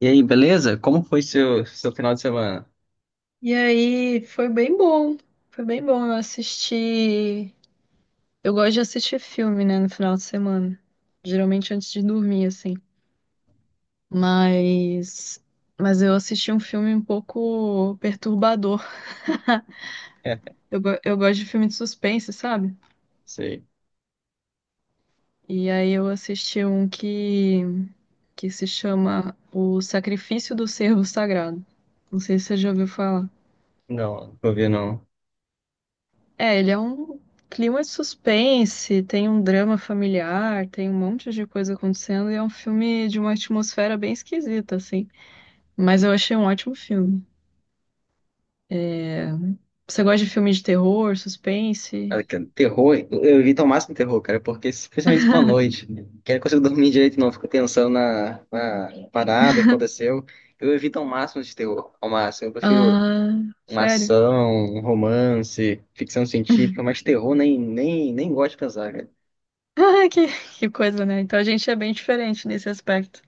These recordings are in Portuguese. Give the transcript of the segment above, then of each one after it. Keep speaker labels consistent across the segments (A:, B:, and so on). A: E aí, beleza? Como foi seu final de semana?
B: E aí, foi bem bom. Foi bem bom. Eu assisti. Eu gosto de assistir filme, né, no final de semana. Geralmente antes de dormir, assim. Mas. Mas eu assisti um filme um pouco perturbador.
A: É,
B: Eu gosto de filme de suspense, sabe?
A: sei.
B: E aí eu assisti um que se chama O Sacrifício do Servo Sagrado. Não sei se você já ouviu falar.
A: Não, não vou não.
B: É, ele é um clima de suspense, tem um drama familiar, tem um monte de coisa acontecendo e é um filme de uma atmosfera bem esquisita, assim. Mas eu achei um ótimo filme. É. Você gosta de filme de terror,
A: Cara,
B: suspense?
A: cara, terror, eu evito ao máximo terror, cara, porque especialmente se for à noite, né? Que eu não consigo dormir direito, não, fico pensando na parada que aconteceu. Eu evito ao máximo de terror, ao máximo. Eu prefiro
B: Ah,
A: uma
B: sério?
A: ação, um romance, ficção científica, mas terror nem gosto de pensar, cara.
B: Ah, que coisa, né? Então a gente é bem diferente nesse aspecto.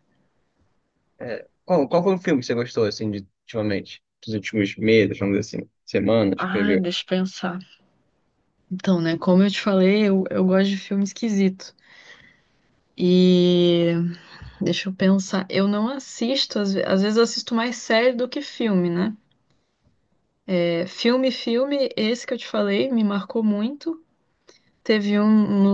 A: É, qual foi o filme que você gostou, assim, de, ultimamente? Dos últimos meses, vamos dizer assim, semanas que você
B: Ah,
A: viu?
B: deixa eu pensar. Então, né, como eu te falei, eu gosto de filme esquisito. E. Deixa eu pensar. Eu não assisto, às ve- Às vezes eu assisto mais série do que filme, né? É, filme, esse que eu te falei me marcou muito. Teve um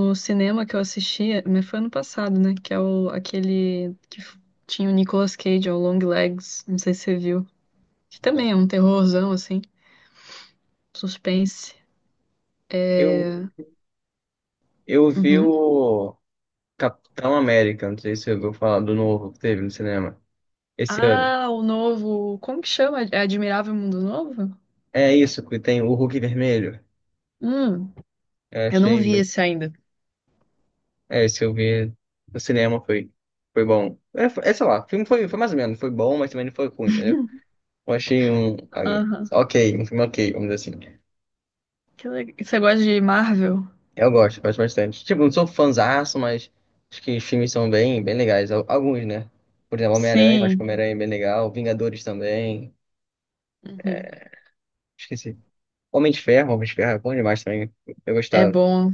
B: no cinema que eu assistia, mas foi ano passado, né? Que é o, aquele que f- tinha o Nicolas Cage, é o Long Legs, não sei se você viu. Que também
A: Não.
B: é um terrorzão, assim, suspense.
A: Eu Eu vi
B: Uhum.
A: o Capitão América, não sei se você ouviu falar do novo que teve no cinema esse ano.
B: Ah, o novo, como que chama? É Admirável Mundo Novo?
A: É isso, que tem o Hulk vermelho.
B: Hum,
A: É,
B: eu não
A: achei
B: vi esse ainda.
A: É, esse eu vi no cinema foi, foi bom. É, é, sei lá, o filme foi, mais ou menos, foi bom, mas também não foi ruim, entendeu? Eu achei um.
B: Aham.
A: Ok, um filme ok, vamos dizer assim.
B: Que legal. Você gosta de Marvel?
A: Eu gosto bastante. Tipo, não sou fãzaço, mas acho que os filmes são bem, bem legais. Alguns, né? Por exemplo, Homem-Aranha, acho que
B: Sim.
A: Homem-Aranha é bem legal. Vingadores também.
B: Uhum.
A: Esqueci. Homem de Ferro é bom demais também. Eu
B: É
A: gostava,
B: bom,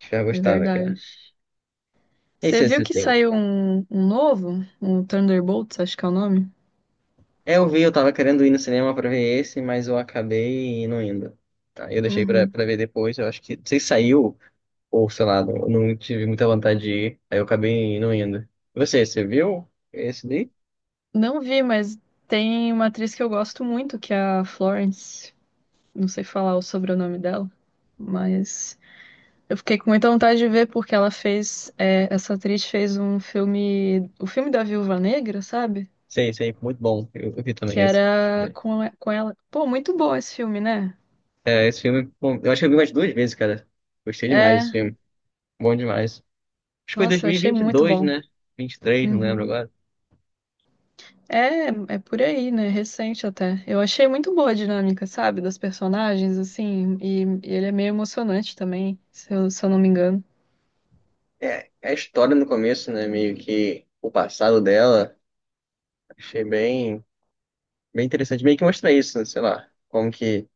A: de Ferro eu
B: é
A: gostava,
B: verdade.
A: cara.
B: Você
A: Esse
B: viu
A: é
B: que
A: tem.
B: saiu um novo? Um Thunderbolts, acho que é o nome.
A: É, eu vi, eu tava querendo ir no cinema pra ver esse, mas eu acabei não indo. Tá, eu deixei pra,
B: Uhum.
A: pra ver depois, eu acho que, não sei se saiu, ou sei lá, não, não tive muita vontade de ir, aí eu acabei não indo. E você viu esse daí?
B: Não vi, mas tem uma atriz que eu gosto muito, que é a Florence. Não sei falar o sobrenome dela, mas eu fiquei com muita vontade de ver porque ela fez, é, essa atriz fez um filme, o filme da Viúva Negra, sabe?
A: Sei, sei, muito bom. Eu vi também
B: Que
A: esse.
B: era com ela. Pô, muito bom esse filme, né?
A: É, esse filme, bom, eu acho que eu vi umas duas vezes, cara. Gostei demais desse
B: É,
A: filme. Bom demais. Acho que foi em
B: nossa, eu achei muito
A: 2022,
B: bom.
A: né? 23, não lembro
B: Uhum.
A: agora.
B: É, é por aí, né? Recente até. Eu achei muito boa a dinâmica, sabe? Das personagens, assim. E ele é meio emocionante também, se eu não me engano.
A: É, é a história no começo, né? Meio que o passado dela, achei bem, bem interessante. Meio que mostra isso, né, sei lá, como que,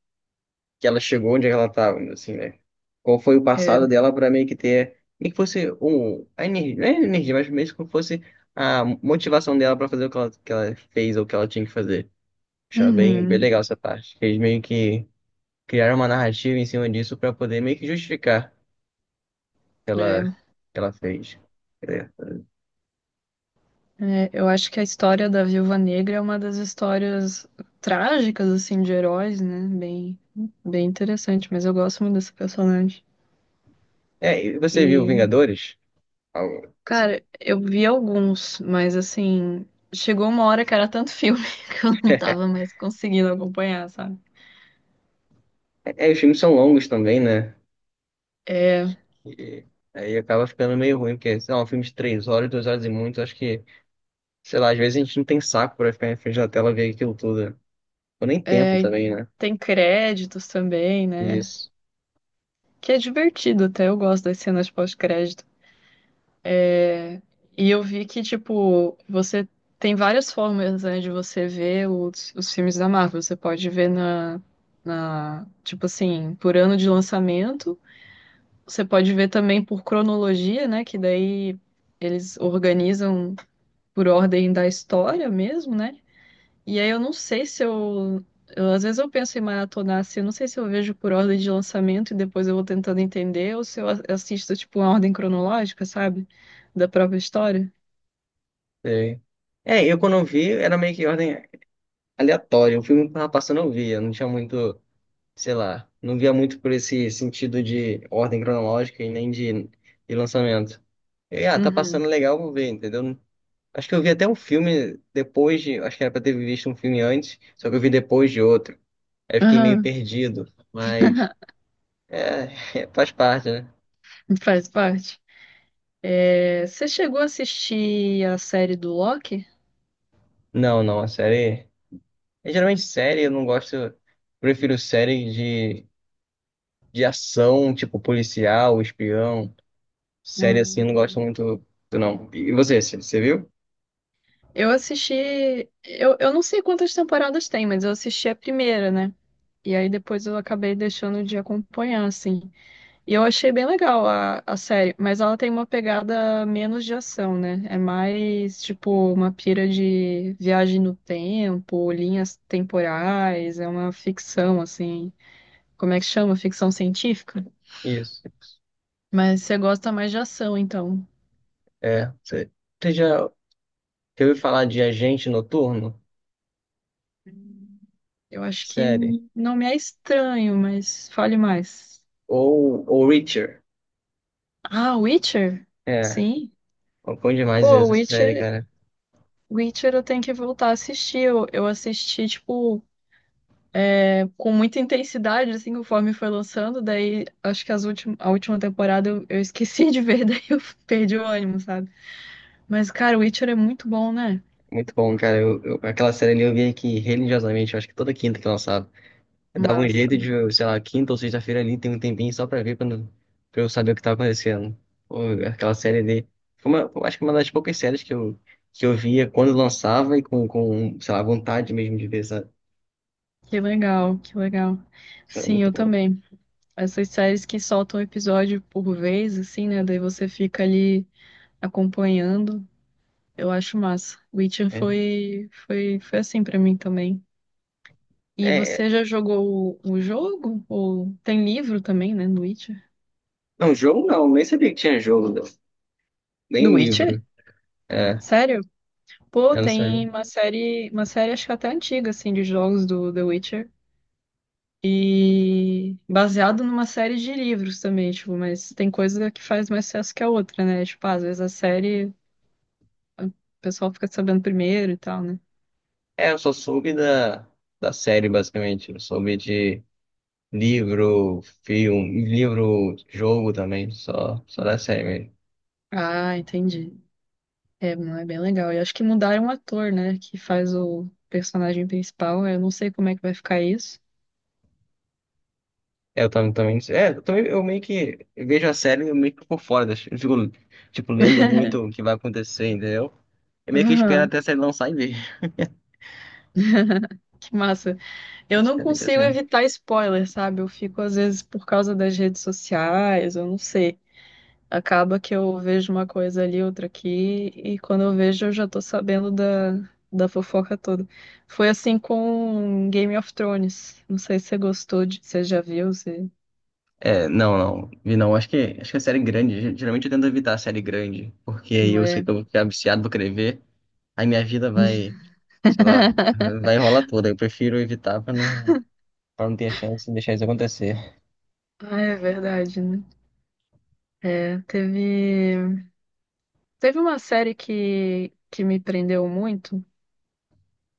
A: que ela chegou onde ela estava, assim, né? Qual foi o
B: É.
A: passado dela para meio que ter, meio que fosse um, a energia, não é energia, mas meio que como fosse a motivação dela para fazer o que ela fez ou o que ela tinha que fazer. Achei bem, bem
B: Uhum.
A: legal essa parte. Eles meio que criaram uma narrativa em cima disso para poder meio que justificar o
B: É.
A: que ela fez.
B: É, eu acho que a história da Viúva Negra é uma das histórias trágicas, assim, de heróis, né? Bem interessante, mas eu gosto muito dessa personagem.
A: É, e você viu
B: E,
A: Vingadores?
B: cara, eu vi alguns, mas assim, chegou uma hora que era tanto filme que eu não tava mais conseguindo acompanhar, sabe?
A: É, é, os filmes são longos também, né?
B: É,
A: E aí acaba ficando meio ruim, porque, sei lá, um filme de três horas, duas horas e muito, acho que, sei lá, às vezes a gente não tem saco pra ficar em frente da tela ver aquilo tudo. Né? Ou nem tempo
B: É, e
A: também, né?
B: tem créditos também, né?
A: Isso.
B: Que é divertido até, eu gosto das cenas pós-crédito. É, e eu vi que, tipo, você tem várias formas, né, de você ver os filmes da Marvel. Você pode ver tipo assim, por ano de lançamento. Você pode ver também por cronologia, né? Que daí eles organizam por ordem da história mesmo, né? E aí eu não sei se eu, eu- às vezes eu penso em maratonar assim, eu não sei se eu vejo por ordem de lançamento e depois eu vou tentando entender, ou se eu assisto tipo uma ordem cronológica, sabe? Da própria história.
A: Sei. É, eu quando eu vi, era meio que ordem aleatória. O filme que tava passando eu via, não tinha muito, sei lá, não via muito por esse sentido de ordem cronológica e nem de lançamento. E, tá
B: Uhum.
A: passando legal, vou ver, entendeu? Acho que eu vi até um filme depois de. Acho que era pra ter visto um filme antes, só que eu vi depois de outro. Aí eu fiquei meio
B: Aham.
A: perdido, mas. É, faz parte, né?
B: Faz parte. É, você chegou a assistir a série do Loki?
A: Não, não, a série. É, geralmente série eu não gosto. Eu prefiro série de, ação, tipo policial, espião. Série assim, eu não gosto
B: Hum.
A: muito, não. E você, você viu?
B: Eu assisti. Eu não sei quantas temporadas tem, mas eu assisti a primeira, né? E aí depois eu acabei deixando de acompanhar, assim. E eu achei bem legal a série, mas ela tem uma pegada menos de ação, né? É mais tipo uma pira de viagem no tempo, linhas temporais, é uma ficção, assim. Como é que chama? Ficção científica?
A: Isso.
B: Mas você gosta mais de ação, então.
A: É, você já ouviu falar de Agente Noturno?
B: Eu acho que
A: Série.
B: não me é estranho, mas fale mais.
A: Ou Reacher.
B: Ah, Witcher?
A: É.
B: Sim.
A: Pô, bom demais
B: Pô,
A: essa série,
B: Witcher,
A: cara.
B: Witcher eu tenho que voltar a assistir. Eu assisti, tipo. Com muita intensidade, assim, conforme foi lançando. Daí, acho que as últim a última temporada eu esqueci de ver, daí eu perdi o ânimo, sabe? Mas, cara, o Witcher é muito bom, né?
A: Muito bom, cara. Aquela série ali eu via que religiosamente, eu acho que toda quinta que lançava. Eu dava um
B: Massa.
A: jeito de, sei lá, quinta ou sexta-feira ali, tem um tempinho só pra ver, pra, não- pra eu saber o que tava acontecendo. Pô, aquela série ali. Foi uma, eu acho que uma das poucas séries que eu, via quando lançava e com, sei lá, vontade mesmo de ver, sabe?
B: Que legal, que legal.
A: Isso era
B: Sim,
A: muito
B: eu
A: bom.
B: também. Essas séries que soltam episódio por vez, assim, né? Daí você fica ali acompanhando. Eu acho massa. Witcher
A: É.
B: foi, foi assim pra mim também. E
A: É,
B: você já jogou o jogo? Ou tem livro também, né, do Witcher?
A: não, jogo não, nem sabia que tinha jogo,
B: Do
A: nem
B: Witcher?
A: livro. É,
B: Sério? Pô,
A: eu não sabia.
B: tem uma série acho que até antiga, assim, de jogos do The Witcher. E baseado numa série de livros também, tipo, mas tem coisa que faz mais sucesso que a outra, né? Tipo, ah, às vezes a série, o pessoal fica sabendo primeiro e tal, né?
A: É, eu só soube da série, basicamente. Eu soube de. Livro, filme, livro, jogo também, só da série mesmo.
B: Ah, entendi. É, não é bem legal. E acho que mudaram o ator, né? Que faz o personagem principal. Eu não sei como é que vai ficar isso.
A: É, Eu também, também, é, eu também, eu meio que vejo a série eu meio que por fora, eu fico, tipo, lendo muito o que vai acontecer, entendeu? Eu meio que espero
B: Aham,
A: até a série lançar e ver,
B: que massa. Eu não
A: basicamente
B: consigo
A: assim.
B: evitar spoiler, sabe? Eu fico, às vezes, por causa das redes sociais, eu não sei. Acaba que eu vejo uma coisa ali, outra aqui, e quando eu vejo eu já tô sabendo da fofoca toda. Foi assim com Game of Thrones. Não sei se você gostou, de, você já viu, se...
A: É, não, não, vi não, acho que, a série é grande, geralmente eu tento evitar a série grande, porque aí
B: Não
A: eu sei
B: é.
A: que eu vou ficar viciado, vou querer ver, aí minha vida vai, sei lá, vai enrolar toda, eu prefiro evitar pra não ter a chance de deixar isso acontecer.
B: Ah, é verdade, né? É, teve uma série que me prendeu muito,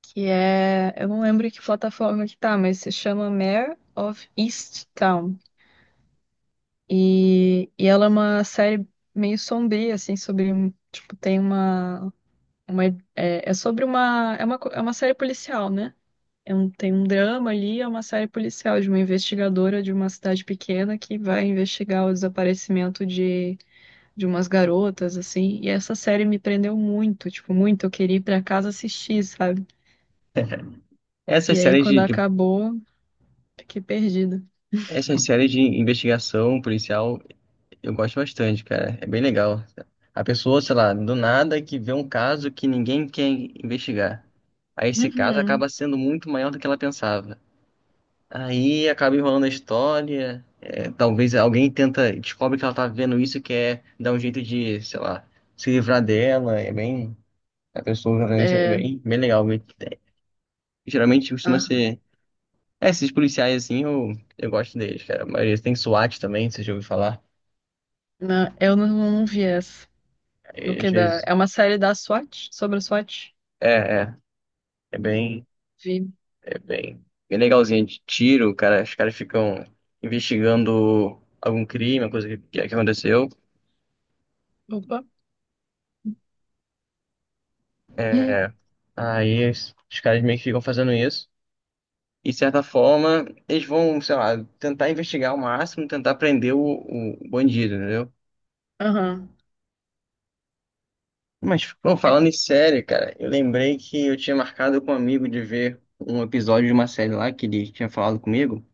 B: que é, eu não lembro que plataforma que tá, mas se chama Mare of Easttown. E ela é uma série meio sombria, assim, tipo, tem uma é, é sobre uma, é uma, co- é uma série policial, né? Tem um drama ali, é uma série policial de uma investigadora de uma cidade pequena que vai investigar o desaparecimento de umas garotas, assim. E essa série me prendeu muito, tipo, muito. Eu queria ir pra casa assistir, sabe?
A: Essas
B: E aí,
A: séries
B: quando
A: de, de
B: acabou, fiquei perdida.
A: Essas séries de investigação policial eu gosto bastante, cara. É bem legal. A pessoa, sei lá, do nada que vê um caso que ninguém quer investigar. Aí esse caso
B: Uhum.
A: acaba sendo muito maior do que ela pensava. Aí acaba enrolando a história. Talvez alguém tenta, descobre que ela tá vendo isso e quer dar um jeito de, sei lá, se livrar dela. É bem. A pessoa né, isso é
B: É,
A: bem, bem legal. Geralmente costuma
B: ah,
A: ser. É, esses policiais assim, eu gosto deles, cara. A maioria tem SWAT também, você já ouviu falar?
B: não, eu não, não vi essa. Do
A: E às
B: que da.
A: vezes,
B: É uma série da SWAT, sobre a SWAT.
A: é, é, é bem,
B: Vi.
A: é bem legalzinho de tiro, cara, os caras ficam investigando algum crime, uma coisa que aconteceu.
B: Opa. Ih.
A: É, Aí os caras meio que ficam fazendo isso. E de certa forma, eles vão, sei lá, tentar investigar ao máximo, tentar prender o bandido, entendeu?
B: Aham.
A: Mas, bom,
B: É,
A: falando em série, cara, eu lembrei que eu tinha marcado com um amigo de ver um episódio de uma série lá que ele tinha falado comigo.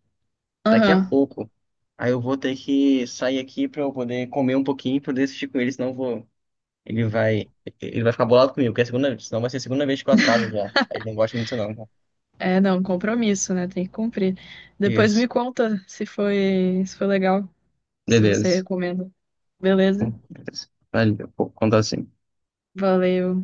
A: Daqui a
B: aham.
A: pouco. Aí eu vou ter que sair aqui pra eu poder comer um pouquinho e poder assistir com ele, senão eu vou. Ele vai. Ele vai ficar bolado comigo, porque é a segunda vez. Senão vai ser a segunda vez que eu atraso já. Aí ele não gosta muito disso, não.
B: É, não, compromisso, né? Tem que cumprir. Depois
A: Isso.
B: me conta se foi, se foi legal, se você
A: Beleza.
B: recomenda. Beleza?
A: Beleza. Valeu. Vou contar assim.
B: Valeu.